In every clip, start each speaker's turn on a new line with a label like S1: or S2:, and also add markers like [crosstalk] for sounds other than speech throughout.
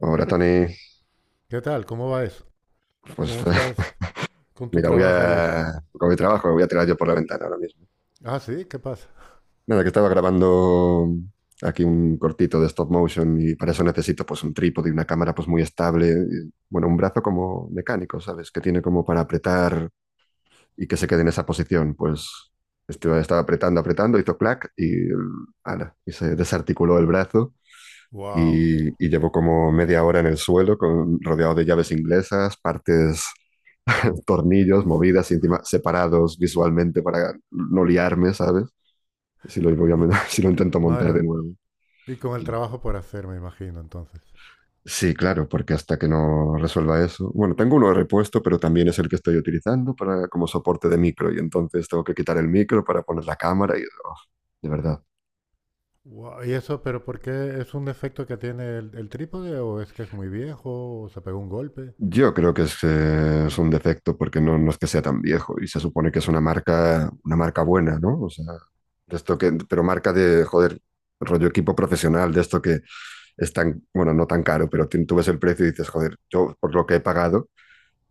S1: Ahora, Tony,
S2: ¿Qué tal? ¿Cómo va eso?
S1: pues
S2: ¿Cómo estás
S1: [laughs]
S2: con tu
S1: mira,
S2: trabajo y eso?
S1: con mi trabajo, voy a tirar yo por la ventana ahora mismo.
S2: Ah, sí, ¿qué pasa?
S1: Nada, que estaba grabando aquí un cortito de stop motion y para eso necesito pues un trípode y una cámara pues muy estable. Y, bueno, un brazo como mecánico, ¿sabes? Que tiene como para apretar y que se quede en esa posición. Pues estaba apretando, apretando, hizo clac y, ala, y se desarticuló el brazo.
S2: Wow.
S1: Y llevo como media hora en el suelo, con, rodeado de llaves inglesas, partes [laughs] tornillos, movidas y encima separados visualmente para no liarme, ¿sabes? Si lo, voy a,
S2: Y,
S1: men- [laughs] si lo intento montar
S2: Madre
S1: de
S2: mía.
S1: nuevo.
S2: Y con el trabajo por hacer, me imagino, entonces.
S1: Sí, claro, porque hasta que no resuelva eso. Bueno, tengo uno de repuesto, pero también es el que estoy utilizando para, como soporte de micro, y entonces tengo que quitar el micro para poner la cámara oh, de verdad.
S2: Guau, ¿y eso, pero por qué es un defecto que tiene el trípode o es que es muy viejo o se pegó un golpe?
S1: Yo creo que es un defecto porque no es que sea tan viejo y se supone que es una marca buena, ¿no? O sea, de esto que, pero marca de, joder, rollo equipo profesional, de esto que es tan, bueno, no tan caro, pero tú ves el precio y dices, joder, yo por lo que he pagado,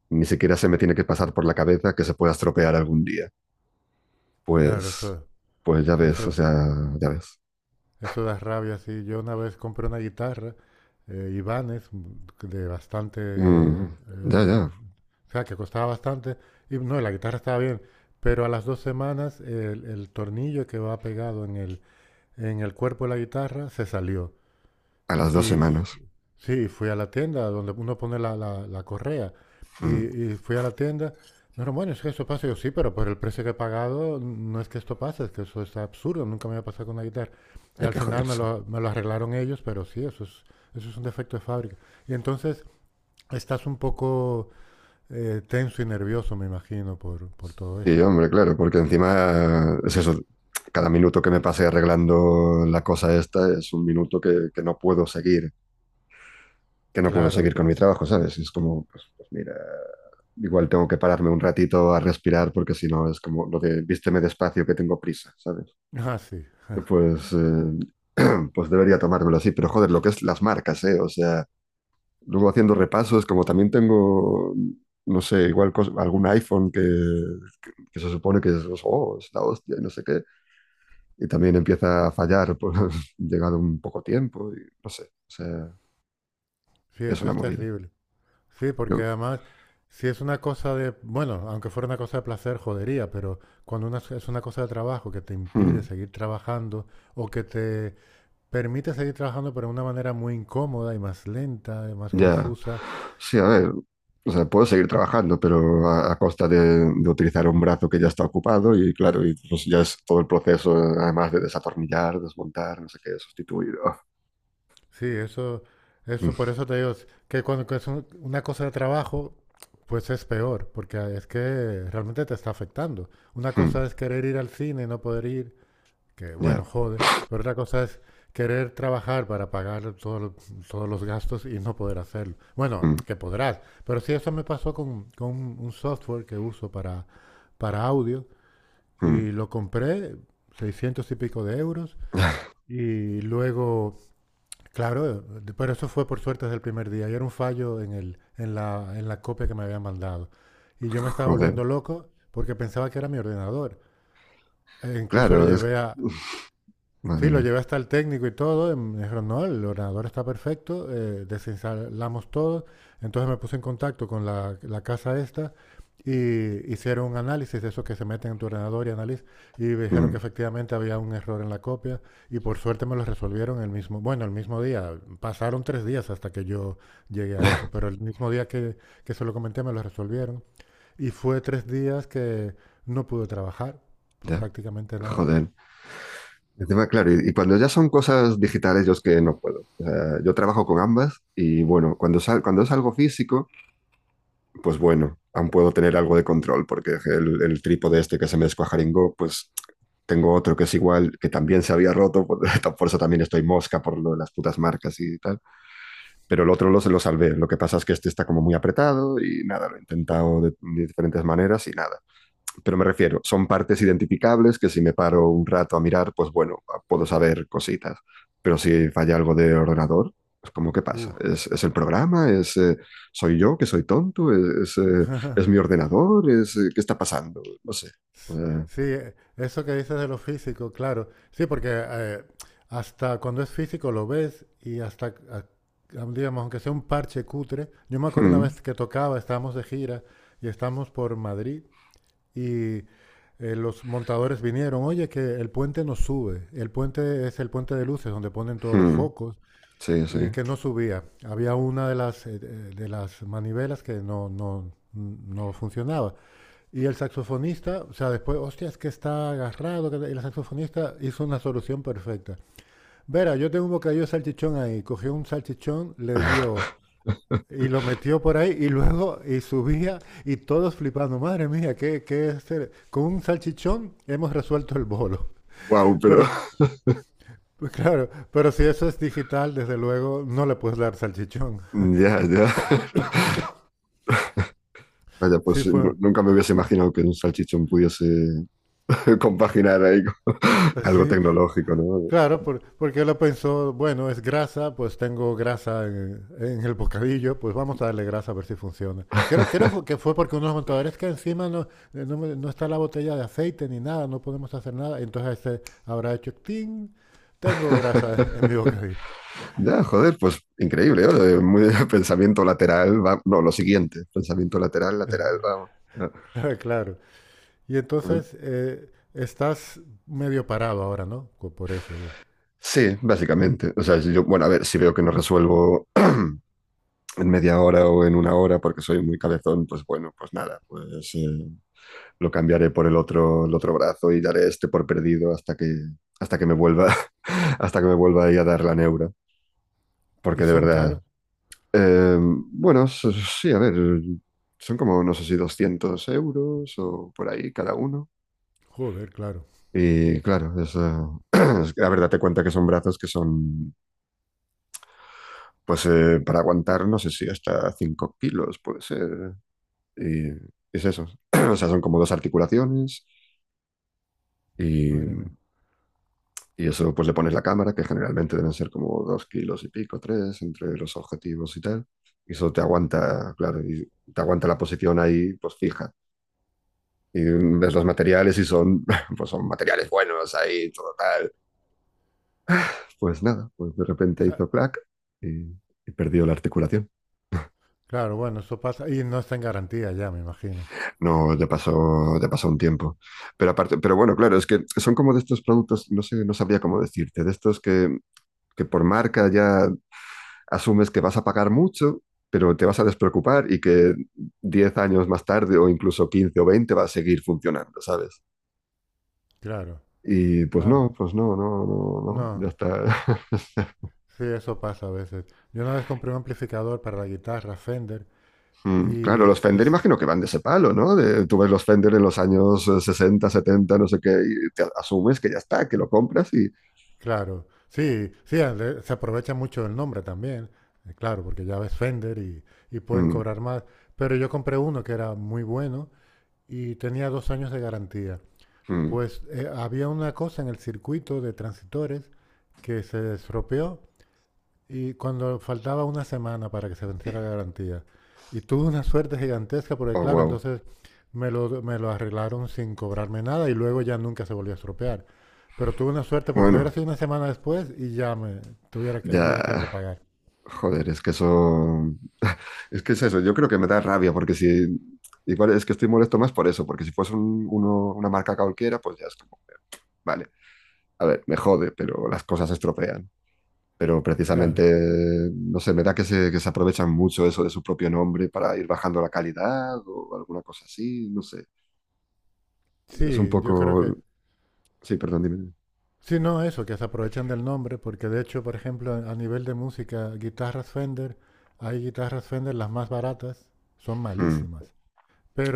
S1: ni siquiera se me tiene que pasar por la cabeza que se pueda estropear algún día.
S2: Claro,
S1: Pues, pues ya ves, o
S2: eso,
S1: sea, ya ves.
S2: Eso da rabia, sí. Yo una vez compré una guitarra, Ibanez, de bastante,
S1: Mm, ya, ya,
S2: o sea, que costaba bastante. Y no, la guitarra estaba bien, pero a las 2 semanas el tornillo que va pegado en el cuerpo de la guitarra se salió.
S1: a las dos
S2: Y f-
S1: semanas.
S2: sí, fui a la tienda donde uno pone la correa. Y,
S1: Mm,
S2: y fui a la tienda. Me dijeron, bueno, es que esto pasa. Y yo, sí, pero por el precio que he pagado, no es que esto pase, es que eso es absurdo. Nunca me había pasado con una guitarra. Y
S1: hay
S2: al
S1: que
S2: final me
S1: joderse.
S2: lo, me lo arreglaron ellos, pero sí, eso es un defecto de fábrica. Y entonces estás un poco tenso y nervioso, me imagino, por todo
S1: Sí,
S2: esto.
S1: hombre, claro, porque encima es eso, cada minuto que me pase arreglando la cosa esta es un minuto que no puedo seguir, que no puedo seguir
S2: Claro.
S1: con mi trabajo, ¿sabes? Es como, pues mira, igual tengo que pararme un ratito a respirar porque si no es como lo de vísteme despacio que tengo prisa, ¿sabes?
S2: Ah, sí.
S1: Pues, eh, [clears throat] pues debería tomármelo así, pero joder, lo que es las marcas, ¿eh? O sea... luego haciendo repasos, como también tengo, no sé, igual algún iPhone que se supone que es, oh, es la hostia y no sé qué, y también empieza a fallar por [laughs] llegado un poco tiempo y no sé, o sea,
S2: Sí,
S1: es
S2: eso
S1: una
S2: es
S1: movida.
S2: terrible. Sí, porque
S1: Yo,
S2: además, si es una cosa de, bueno, aunque fuera una cosa de placer, jodería, pero es una cosa de trabajo que te impide
S1: hmm,
S2: seguir trabajando o que te permite seguir trabajando pero de una manera muy incómoda y más lenta y más
S1: ya,
S2: confusa,
S1: sí, a ver, o sea, puedo seguir trabajando, pero a costa de, utilizar un brazo que ya está ocupado y claro, y pues ya es todo el proceso, además de desatornillar, desmontar, no sé qué, sustituir. Ah,
S2: sí, eso,
S1: mm,
S2: eso por eso te digo, es que cuando que es una cosa de trabajo, pues es peor, porque es que realmente te está afectando. Una
S1: mm,
S2: cosa es querer ir al cine y no poder ir, que
S1: ya.
S2: bueno, jode, pero otra cosa es querer trabajar para pagar todos los gastos y no poder hacerlo. Bueno,
S1: Mm,
S2: que podrás, pero sí eso me pasó con un software que uso para audio
S1: mm,
S2: y lo compré 600 y pico de euros y luego, claro, pero eso fue por suerte desde el primer día y era un fallo en la copia que me habían mandado. Y yo me estaba
S1: joder.
S2: volviendo loco porque pensaba que era mi ordenador. E incluso le
S1: Claro,
S2: llevé a.
S1: uf, madre
S2: Sí, lo
S1: mía.
S2: llevé hasta el técnico y todo. Y me dijeron, no, el ordenador está perfecto, desinstalamos todo. Entonces me puse en contacto con la casa esta y hicieron un análisis de eso que se meten en tu ordenador y análisis y me dijeron que
S1: Mm.
S2: efectivamente había un error en la copia y por suerte me lo resolvieron bueno, el mismo día. Pasaron 3 días hasta que yo llegué a eso,
S1: [laughs] Ya,
S2: pero el mismo día que se lo comenté me lo resolvieron. Y fue 3 días que no pude trabajar,
S1: ya,
S2: prácticamente nada.
S1: joder. Encima, claro, y cuando ya son cosas digitales, yo es que no puedo. O sea, yo trabajo con ambas y bueno, cuando es algo físico, pues bueno, aún puedo tener algo de control, porque el trípode este que se me descuajaringó, pues tengo otro que es igual, que también se había roto, por, [laughs] por eso también estoy mosca por lo de las putas marcas y tal. Pero el otro lo, se lo salvé. Lo que pasa es que este está como muy apretado y nada, lo he intentado de diferentes maneras y nada. Pero me refiero, son partes identificables que si me paro un rato a mirar, pues bueno, puedo saber cositas. Pero si falla algo de ordenador, pues como ¿qué pasa?
S2: Uf.
S1: ¿Es el programa? ¿Soy yo que soy tonto? ¿Es mi ordenador? ¿Qué está pasando? No sé. Eh,
S2: Sí, eso que dices de lo físico, claro. Sí, porque hasta cuando es físico lo ves y hasta, digamos, aunque sea un parche cutre. Yo me acuerdo una
S1: hmm,
S2: vez que tocaba, estábamos de gira y estábamos por Madrid y los montadores vinieron, oye, que el puente no sube. El puente es el puente de luces donde ponen todos los
S1: hmm,
S2: focos
S1: sí, sí.
S2: y que no subía. Había una de las manivelas que no, no, no funcionaba. Y el saxofonista, o sea, después, hostia, es que está agarrado. El saxofonista hizo una solución perfecta. Verá, yo tengo un bocadillo de salchichón ahí. Cogió un salchichón, le dio y lo metió por ahí y luego y subía y todos flipando. Madre mía, ¿qué es ser? Con un salchichón hemos resuelto el bolo.
S1: Wow,
S2: [laughs]
S1: pero
S2: Pero,
S1: [laughs]
S2: pues claro, pero si eso es digital, desde luego no le puedes dar salchichón.
S1: ya, ya. Vaya,
S2: Sí
S1: pues
S2: fue,
S1: nunca me hubiese imaginado que un salchichón pudiese [laughs] compaginar ahí con algo
S2: sí,
S1: tecnológico, ¿no?
S2: claro, porque él pensó, bueno, es grasa, pues tengo grasa en el bocadillo, pues vamos a darle grasa a ver si funciona. Creo que fue porque unos montadores que encima no, no, no está la botella de aceite ni nada, no podemos hacer nada, entonces ese habrá hecho, ¡ting! Tengo grasa en mi
S1: [laughs]
S2: bocadillo. [laughs]
S1: Ya, joder, pues increíble, ¿eh? Muy [laughs] pensamiento lateral, no, lo siguiente, pensamiento lateral, lateral, vamos. Ah,
S2: Ah, claro. Y
S1: joder.
S2: entonces estás medio parado ahora, ¿no? Por eso.
S1: Sí, básicamente. O sea, si yo, bueno, a ver, si veo que no resuelvo [clears throat] en media hora o en una hora porque soy muy cabezón, pues bueno, pues nada, lo cambiaré por el otro brazo y daré este por perdido hasta que me vuelva, [laughs] hasta que me vuelva ahí a dar la neura,
S2: Y
S1: porque de
S2: son
S1: verdad.
S2: caros.
S1: Bueno, sí, a ver, son como, no sé si 200 euros o por ahí cada uno.
S2: Joder, claro.
S1: Y claro, [clears throat] es que la verdad te cuenta que son brazos que son, para aguantar, no sé si hasta 5 kilos puede ser. Y es eso. [clears throat] O sea, son como dos articulaciones
S2: Madre mía.
S1: y, y eso pues le pones la cámara, que generalmente deben ser como 2 kilos y pico, 3 entre los objetivos y tal. Y eso te aguanta, claro, y te aguanta la posición ahí, pues fija y ves los materiales y son, [laughs] pues son materiales buenos ahí, todo tal. Pues nada, pues de
S2: O
S1: repente
S2: sea,
S1: hizo clac y, y perdió la articulación.
S2: claro, bueno, eso pasa. Y no está en garantía ya, me imagino.
S1: No, le pasó un tiempo. Pero aparte, pero bueno, claro, es que son como de estos productos, no sé, no sabría cómo decirte, de estos que por marca ya asumes que vas a pagar mucho pero te vas a despreocupar y que 10 años más tarde o incluso 15 o 20 va a seguir funcionando, ¿sabes?
S2: Claro.
S1: Y
S2: Ah,
S1: pues no, no, no, no, ya
S2: no,
S1: está. [laughs]
S2: sí, eso pasa a veces. Yo una vez compré un amplificador para la guitarra Fender.
S1: Mm, claro,
S2: y,
S1: los
S2: y
S1: Fender
S2: s-
S1: imagino que van de ese palo, ¿no? Tú ves los Fender en los años 60, 70, no sé qué, y te asumes que ya está, que lo compras y...
S2: claro, sí, sí, se aprovecha mucho el nombre también, claro, porque ya ves Fender y pueden
S1: Mm,
S2: cobrar más. Pero yo compré uno que era muy bueno y tenía 2 años de garantía.
S1: mm.
S2: Pues había una cosa en el circuito de transitores que se estropeó. Y cuando faltaba una semana para que se venciera la garantía, y tuve una suerte gigantesca porque,
S1: Oh,
S2: claro,
S1: wow.
S2: entonces me lo arreglaron sin cobrarme nada y luego ya nunca se volvió a estropear. Pero tuve una suerte porque hubiera
S1: Bueno,
S2: sido una semana después y ya hubiera tenido que
S1: ya,
S2: pagar.
S1: joder, es que eso... [laughs] Es que es eso, yo creo que me da rabia porque si... Igual es que estoy molesto más por eso, porque si fuese una marca cualquiera, pues ya es como, vale, a ver, me jode, pero las cosas se estropean. Pero precisamente,
S2: Claro.
S1: no sé, me da que se aprovechan mucho eso de su propio nombre para ir bajando la calidad o alguna cosa así, no sé. Es un
S2: Sí, yo creo
S1: poco...
S2: que.
S1: Sí, perdón, dime.
S2: Sí, no, eso, que se aprovechan del nombre, porque de hecho, por ejemplo, a nivel de música, guitarras Fender, hay guitarras Fender, las más baratas, son
S1: Mm.
S2: malísimas.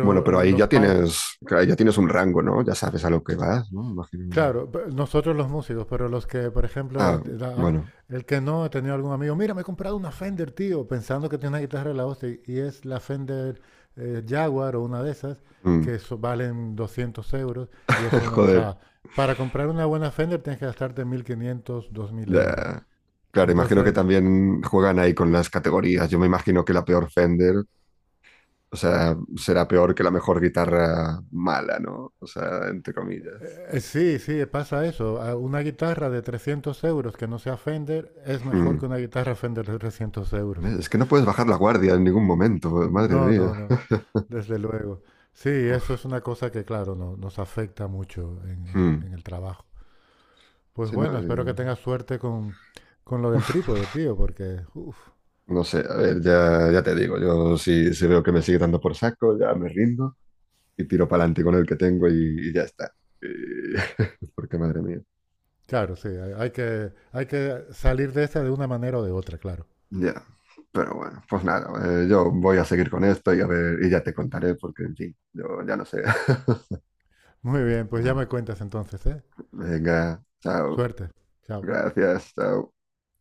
S1: Bueno, pero
S2: los,
S1: ahí ya tienes un rango, ¿no? Ya sabes a lo que vas, ¿no? Imagino.
S2: Claro, nosotros los músicos, pero los que, por ejemplo,
S1: Ah, bueno.
S2: el que no ha tenido algún amigo, mira, me he comprado una Fender, tío, pensando que tiene una guitarra de la hostia, y es la Fender Jaguar o una de esas,
S1: Mm.
S2: que valen 200 euros, y eso,
S1: [laughs]
S2: o
S1: Joder.
S2: sea, para comprar una buena Fender tienes que gastarte 1500, 2000 euros.
S1: Ya. Claro, imagino que
S2: Entonces,
S1: también juegan ahí con las categorías. Yo me imagino que la peor Fender, o sea, será peor que la mejor guitarra mala, ¿no? O sea, entre comillas.
S2: sí, sí, pasa eso. A una guitarra de 300 euros que no sea Fender es mejor
S1: Mm.
S2: que una guitarra Fender de 300 euros.
S1: Es que no puedes bajar la guardia en ningún momento, madre
S2: No, no,
S1: mía.
S2: no, desde luego. Sí, eso
S1: Uf,
S2: es una cosa que, claro, nos afecta mucho en,
S1: hmm.
S2: en- en el trabajo. Pues
S1: Sí, no,
S2: bueno, espero que tengas suerte con lo del
S1: uf,
S2: trípode, tío, porque, uf,
S1: no sé, a ver, ya, ya te digo, yo si, veo que me sigue dando por saco, ya me rindo y tiro para adelante con el que tengo y ya está. Y- [laughs] porque madre mía.
S2: claro, sí, hay que salir de esa de una manera o de otra, claro.
S1: Ya, pero bueno, pues nada, yo voy a seguir con esto y a ver, y ya te contaré porque, en fin, yo ya no sé.
S2: Muy bien, pues ya me
S1: [laughs]
S2: cuentas entonces, ¿eh?
S1: Venga, chao,
S2: Suerte. Chao.
S1: gracias, chao.